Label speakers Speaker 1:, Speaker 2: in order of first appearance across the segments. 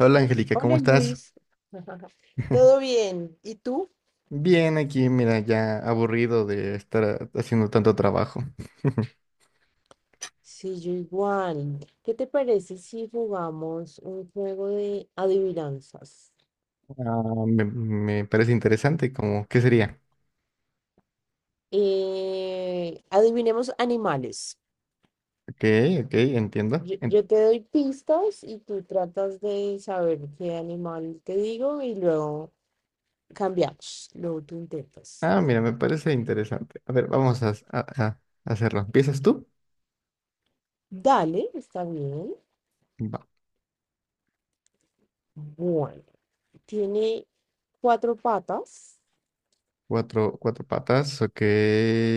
Speaker 1: Hola Angélica, ¿cómo
Speaker 2: Hola
Speaker 1: estás?
Speaker 2: Luis, todo bien. ¿Y tú?
Speaker 1: Bien, aquí, mira, ya aburrido de estar haciendo tanto trabajo.
Speaker 2: Sí, yo igual. ¿Qué te parece si jugamos un juego de adivinanzas?
Speaker 1: Ah, me parece interesante, como, ¿qué sería?
Speaker 2: Adivinemos animales.
Speaker 1: Ok, ok, entiendo.
Speaker 2: Yo,
Speaker 1: En-
Speaker 2: yo te doy pistas y tú tratas de saber qué animal te digo y luego cambiamos. Luego tú intentas.
Speaker 1: ah, mira, me parece interesante. A ver, vamos a hacerlo. ¿Empiezas tú?
Speaker 2: Dale, está bien.
Speaker 1: Va.
Speaker 2: Bueno, tiene cuatro patas.
Speaker 1: Cuatro patas, ok.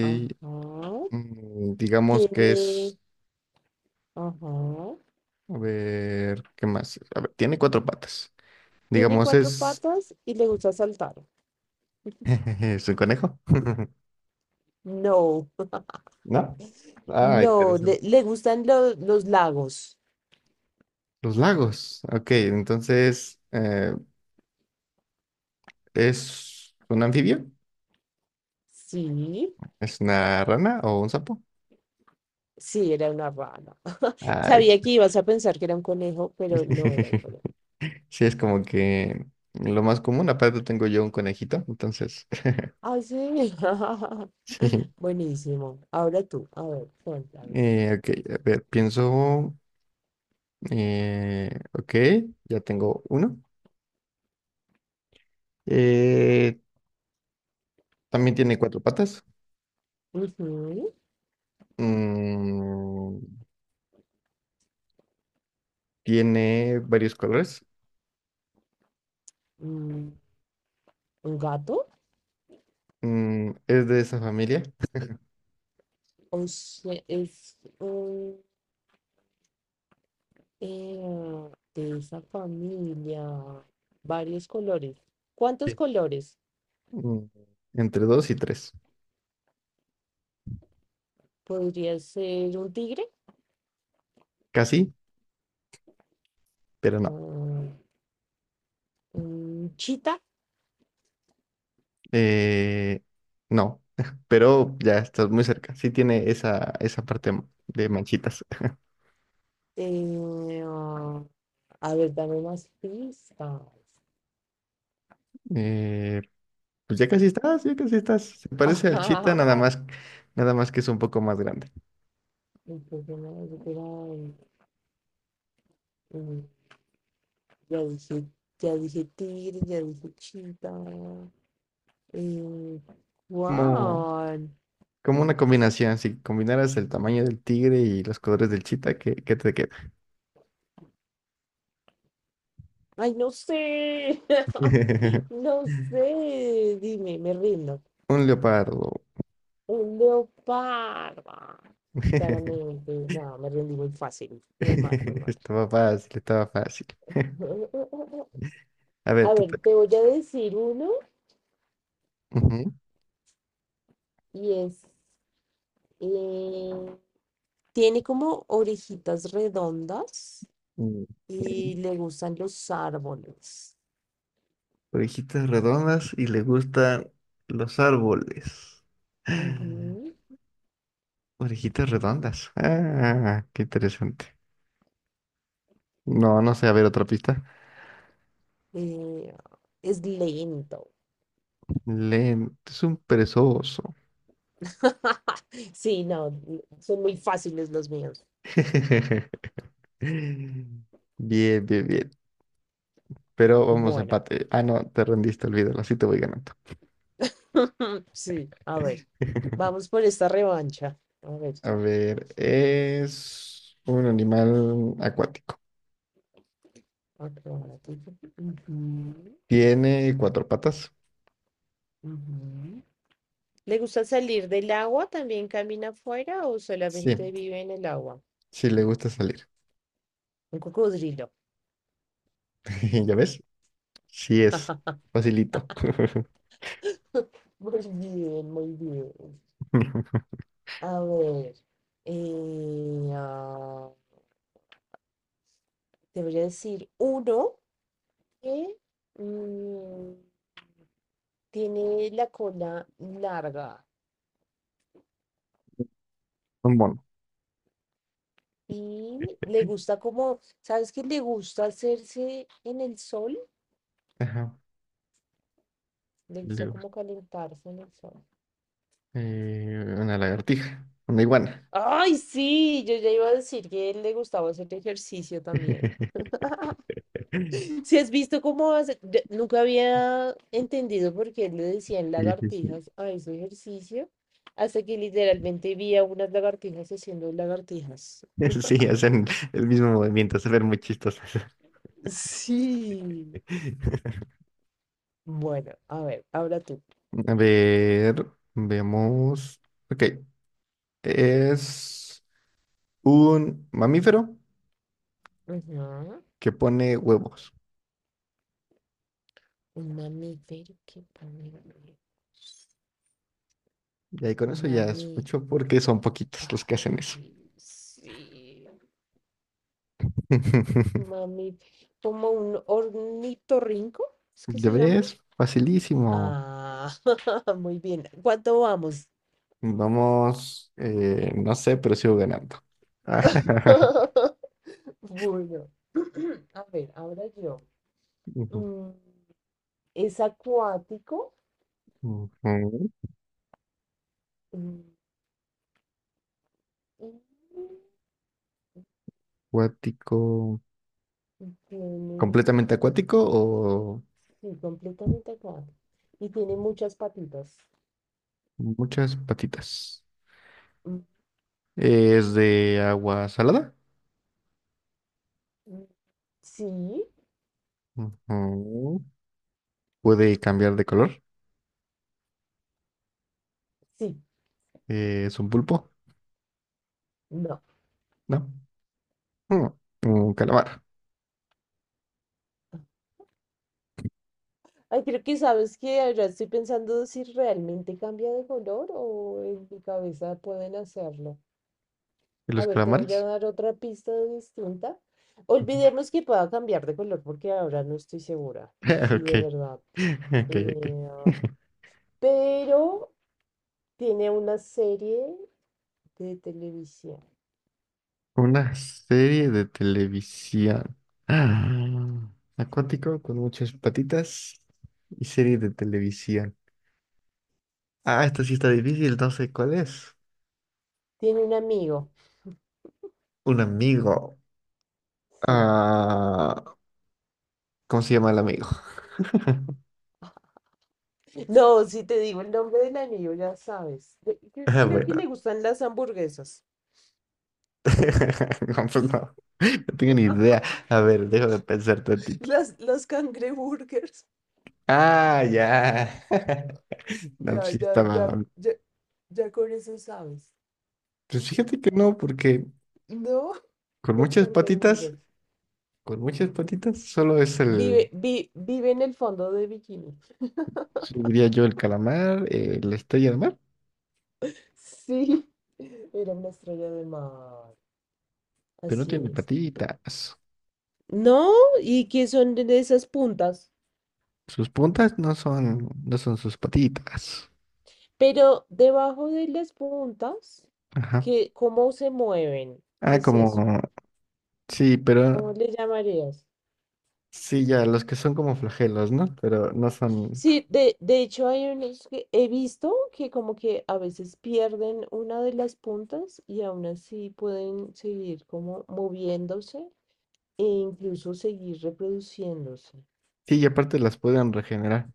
Speaker 2: Ajá.
Speaker 1: Digamos que
Speaker 2: Tiene,
Speaker 1: es,
Speaker 2: ajá.
Speaker 1: a ver, ¿qué más? A ver, tiene cuatro patas.
Speaker 2: Tiene
Speaker 1: Digamos,
Speaker 2: cuatro
Speaker 1: es,
Speaker 2: patas y le gusta saltar.
Speaker 1: es un conejo,
Speaker 2: No,
Speaker 1: ¿no? Ah,
Speaker 2: no,
Speaker 1: interesante.
Speaker 2: le gustan los lagos.
Speaker 1: Los lagos. Ok, entonces, ¿es un anfibio?
Speaker 2: Sí,
Speaker 1: ¿Es una rana o un sapo?
Speaker 2: sí, era una rana.
Speaker 1: Ay,
Speaker 2: Sabía que ibas a pensar que era un conejo, pero no era un conejo.
Speaker 1: sí, es como que lo más común. Aparte tengo yo un conejito, entonces,
Speaker 2: Ay, sí.
Speaker 1: sí.
Speaker 2: Buenísimo. Ahora tú, a ver, cuéntame.
Speaker 1: Ok, a ver, pienso, ok, ya tengo uno. Eh, También tiene cuatro patas.
Speaker 2: Ujú.
Speaker 1: Mm, tiene varios colores.
Speaker 2: Mm, ¿un gato?
Speaker 1: Mm, es de esa familia.
Speaker 2: O sea, de esa familia. Varios colores. ¿Cuántos
Speaker 1: Sí.
Speaker 2: colores?
Speaker 1: Mm, entre dos y tres.
Speaker 2: Podría ser un tigre,
Speaker 1: Casi, pero no.
Speaker 2: mm, un chita.
Speaker 1: Eh, no, pero ya estás muy cerca. Sí tiene esa parte de manchitas.
Speaker 2: eh, ah, a ver, dame más pistas.
Speaker 1: Eh, pues ya casi estás, ya casi estás. Se parece al chita, nada más, nada más que es un poco más grande.
Speaker 2: Un poco más, yo creo, mm, ya dije, ya dije tigre, ya dije chita. Eh,
Speaker 1: Como,
Speaker 2: ¿Cuál?
Speaker 1: como una combinación. Si combinaras el tamaño del tigre y los colores del chita, ¿qué te queda?
Speaker 2: Ay, no sé. No sé. Dime, me rindo.
Speaker 1: Un leopardo.
Speaker 2: Un leopardo. Claramente, no, me rendí muy fácil. Muy mal, muy mal.
Speaker 1: Estaba fácil, estaba fácil. A ver,
Speaker 2: A
Speaker 1: te
Speaker 2: ver,
Speaker 1: toca.
Speaker 2: te voy a decir uno
Speaker 1: Ujú.
Speaker 2: y es, eh, tiene como orejitas redondas
Speaker 1: Mm.
Speaker 2: y le gustan los árboles.
Speaker 1: Orejitas redondas y le gustan los árboles.
Speaker 2: Ujú.
Speaker 1: Orejitas redondas. Ah, qué interesante. No, no sé, a ver otra pista.
Speaker 2: Eh, es lento.
Speaker 1: Lento, es un perezoso.
Speaker 2: Sí, no, son muy fáciles los míos.
Speaker 1: Bien, bien, bien. Pero vamos a
Speaker 2: Bueno,
Speaker 1: empate. Ah, no, te rendiste, olvídalo, así te voy ganando.
Speaker 2: sí, a ver, vamos por esta revancha. A ver,
Speaker 1: A ver, es un animal acuático.
Speaker 2: otro. Ratito. Ujú,
Speaker 1: Tiene cuatro patas.
Speaker 2: ujú. ¿Le gusta salir del agua? ¿También camina afuera o
Speaker 1: Sí,
Speaker 2: solamente vive en el agua?
Speaker 1: sí le gusta salir.
Speaker 2: Un cocodrilo.
Speaker 1: ¿Ya ves? Sí es. Facilito.
Speaker 2: Muy bien, muy bien. A ver, eh, ah, te voy a decir uno que mm, tiene la cola larga
Speaker 1: Un mono.
Speaker 2: y le gusta como, ¿sabes qué? Le gusta hacerse en el sol,
Speaker 1: Ajá.
Speaker 2: le gusta
Speaker 1: Luego,
Speaker 2: como calentarse en el sol.
Speaker 1: una lagartija. Una iguana.
Speaker 2: Ay, sí, yo ya iba a decir que él le gustaba hacer ejercicio también. Si has visto cómo hace, nunca había entendido por qué le decían
Speaker 1: Sí, sí, sí.
Speaker 2: lagartijas a ese ejercicio, hasta que literalmente vi a unas lagartijas haciendo lagartijas.
Speaker 1: Sí, hacen el mismo movimiento, se ven muy chistosas.
Speaker 2: Sí. Bueno, a ver, ahora tú.
Speaker 1: A ver, veamos. Ok, es un mamífero
Speaker 2: Ujú.
Speaker 1: que pone huevos.
Speaker 2: Un mamífero que pone-
Speaker 1: Y ahí con eso ya es mucho porque
Speaker 2: Mamífero.
Speaker 1: son poquitos los que hacen eso.
Speaker 2: Ay, sí. Mami, como un ornitorrinco, ¿es que
Speaker 1: ¿Ya
Speaker 2: se llama?
Speaker 1: ves? Facilísimo.
Speaker 2: Ah, muy bien. ¿Cuánto vamos?
Speaker 1: Vamos, no sé, pero sigo ganando.
Speaker 2: Bueno, a ver, ahora yo.
Speaker 1: Ujú,
Speaker 2: Mm, es acuático.
Speaker 1: ujú.
Speaker 2: Mm,
Speaker 1: Acuático.
Speaker 2: y tiene,
Speaker 1: ¿Completamente acuático o
Speaker 2: sí, completamente acuático. Y tiene muchas patitas.
Speaker 1: muchas patitas?
Speaker 2: Mm,
Speaker 1: ¿Es de agua salada?
Speaker 2: mm, sí,
Speaker 1: Ujú. ¿Puede cambiar de color?
Speaker 2: sí,
Speaker 1: ¿Es un pulpo?
Speaker 2: no.
Speaker 1: No. Mm, un calamar.
Speaker 2: Ay, creo que sabes que ahora estoy pensando si realmente cambia de color o en mi cabeza pueden hacerlo.
Speaker 1: ¿Y
Speaker 2: A
Speaker 1: los
Speaker 2: ver, te voy a
Speaker 1: calamares?
Speaker 2: dar otra pista distinta.
Speaker 1: Ujú.
Speaker 2: Olvidemos que pueda cambiar de color porque ahora no estoy segura. Sí,
Speaker 1: Ok.
Speaker 2: de verdad.
Speaker 1: Ok, ok.
Speaker 2: Eh, pero tiene una serie de televisión.
Speaker 1: Una serie de televisión. Ah,
Speaker 2: Sí.
Speaker 1: acuático con muchas patitas y serie de televisión. Ah, esta sí está difícil, no sé cuál es.
Speaker 2: Tiene un amigo.
Speaker 1: Un amigo.
Speaker 2: Sí.
Speaker 1: Ah, ¿cómo se llama el amigo?
Speaker 2: No, si te digo el nombre del amigo, ya sabes. Yo
Speaker 1: Ah,
Speaker 2: creo que le
Speaker 1: bueno.
Speaker 2: gustan las hamburguesas.
Speaker 1: No, pues no. No tengo ni idea. A ver, déjame pensar tantito.
Speaker 2: Las cangreburgers.
Speaker 1: Ah, ya. No, pues
Speaker 2: Ya,
Speaker 1: sí
Speaker 2: ya, ya,
Speaker 1: estaba.
Speaker 2: ya, ya con eso sabes.
Speaker 1: Pues fíjate que no, porque
Speaker 2: No,
Speaker 1: con
Speaker 2: los
Speaker 1: muchas
Speaker 2: cangreburgers.
Speaker 1: patitas, con muchas patitas, solo es el.
Speaker 2: Vive en el fondo de bikini.
Speaker 1: Sí, diría yo el calamar, la estrella de mar,
Speaker 2: Sí, era una estrella de mar.
Speaker 1: pero no
Speaker 2: Así
Speaker 1: tiene
Speaker 2: es.
Speaker 1: patitas.
Speaker 2: No, ¿y qué son de esas puntas?
Speaker 1: Sus puntas no son, no son sus patitas.
Speaker 2: Pero debajo de las puntas,
Speaker 1: Ajá.
Speaker 2: ¿qué, cómo se mueven? ¿Qué
Speaker 1: Ah,
Speaker 2: es
Speaker 1: como,
Speaker 2: eso?
Speaker 1: sí, pero
Speaker 2: ¿Cómo le llamarías?
Speaker 1: sí, ya, los que son como flagelos, ¿no? Pero no son.
Speaker 2: Sí, de hecho hay unos que he visto que como que a veces pierden una de las puntas y aún así pueden seguir como moviéndose e incluso seguir reproduciéndose.
Speaker 1: Sí, y aparte las pueden regenerar.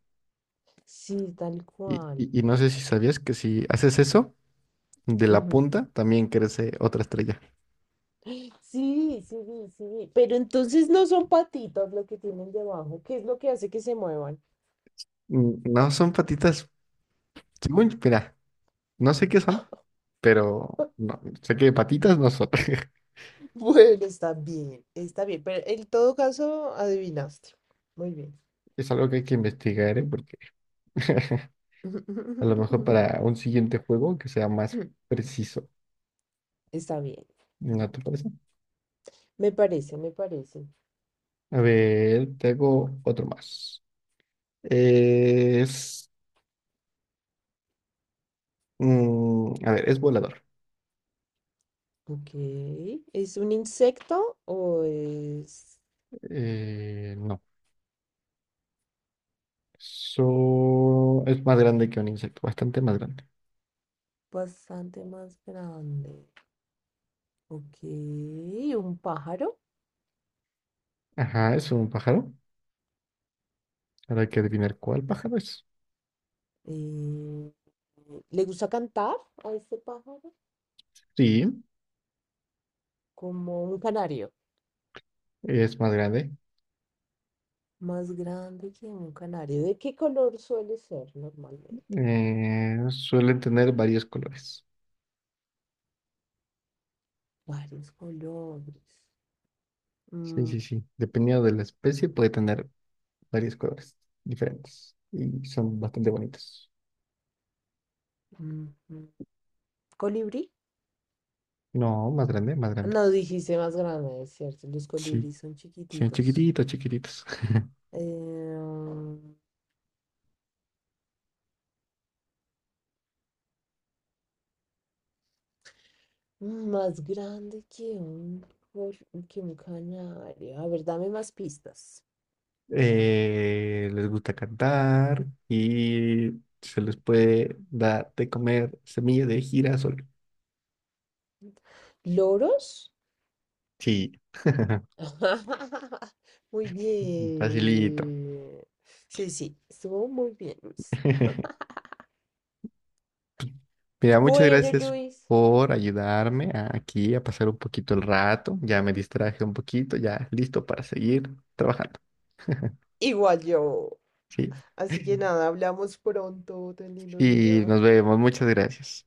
Speaker 2: Sí, tal
Speaker 1: Y,
Speaker 2: cual.
Speaker 1: y, y no sé si sabías que si haces eso, de la
Speaker 2: Ujú.
Speaker 1: punta también crece otra estrella.
Speaker 2: Sí, sí, sí, sí. Pero entonces no son patitas lo que tienen debajo. ¿Qué es lo que hace que se muevan?
Speaker 1: No son patitas. Según, mira, no sé qué son, pero no, sé que patitas no son.
Speaker 2: Bueno, está bien, está bien. Pero en todo caso, adivinaste. Muy bien.
Speaker 1: Es algo que hay que investigar, ¿eh? A lo mejor para un siguiente juego que sea más preciso.
Speaker 2: Está bien.
Speaker 1: ¿No te parece?
Speaker 2: Me parece, me parece.
Speaker 1: A ver, te hago otro más. Es. A ver, es volador.
Speaker 2: Ok. ¿Es un insecto o es
Speaker 1: No. So- es más grande que un insecto, bastante más grande.
Speaker 2: bastante más grande? Ok. ¿Un pájaro?
Speaker 1: Ajá, es un pájaro. Ahora hay que adivinar cuál pájaro es.
Speaker 2: Eh, Le gusta cantar a este pájaro
Speaker 1: Sí,
Speaker 2: como un canario,
Speaker 1: es más grande.
Speaker 2: más grande que un canario. ¿De qué color suele ser normalmente?
Speaker 1: Suelen tener varios colores.
Speaker 2: Varios colores.
Speaker 1: Sí,
Speaker 2: Mm,
Speaker 1: sí, sí. Dependiendo de la especie, puede tener varios colores diferentes y son bastante bonitos.
Speaker 2: mm, mm. ¿Colibrí?
Speaker 1: No, más grande, más grande.
Speaker 2: No, dijiste más grande, es cierto. Los
Speaker 1: Sí,
Speaker 2: colibríes son
Speaker 1: sí,
Speaker 2: chiquititos.
Speaker 1: chiquititos, chiquititos.
Speaker 2: Eh, Más grande que que un canario. A ver, dame más pistas.
Speaker 1: Les gusta cantar y se les puede dar de comer semilla de girasol.
Speaker 2: ¿Loros?
Speaker 1: Sí,
Speaker 2: Muy
Speaker 1: facilito.
Speaker 2: bien. Sí, sí, estuvo muy bien, Luis.
Speaker 1: Mira, muchas
Speaker 2: Bueno,
Speaker 1: gracias
Speaker 2: Luis,
Speaker 1: por ayudarme a- aquí a pasar un poquito el rato. Ya me distraje un poquito, ya listo para seguir trabajando.
Speaker 2: igual yo.
Speaker 1: Sí.
Speaker 2: Así que nada, hablamos pronto. Ten lindo
Speaker 1: Y
Speaker 2: día.
Speaker 1: nos vemos. Muchas gracias.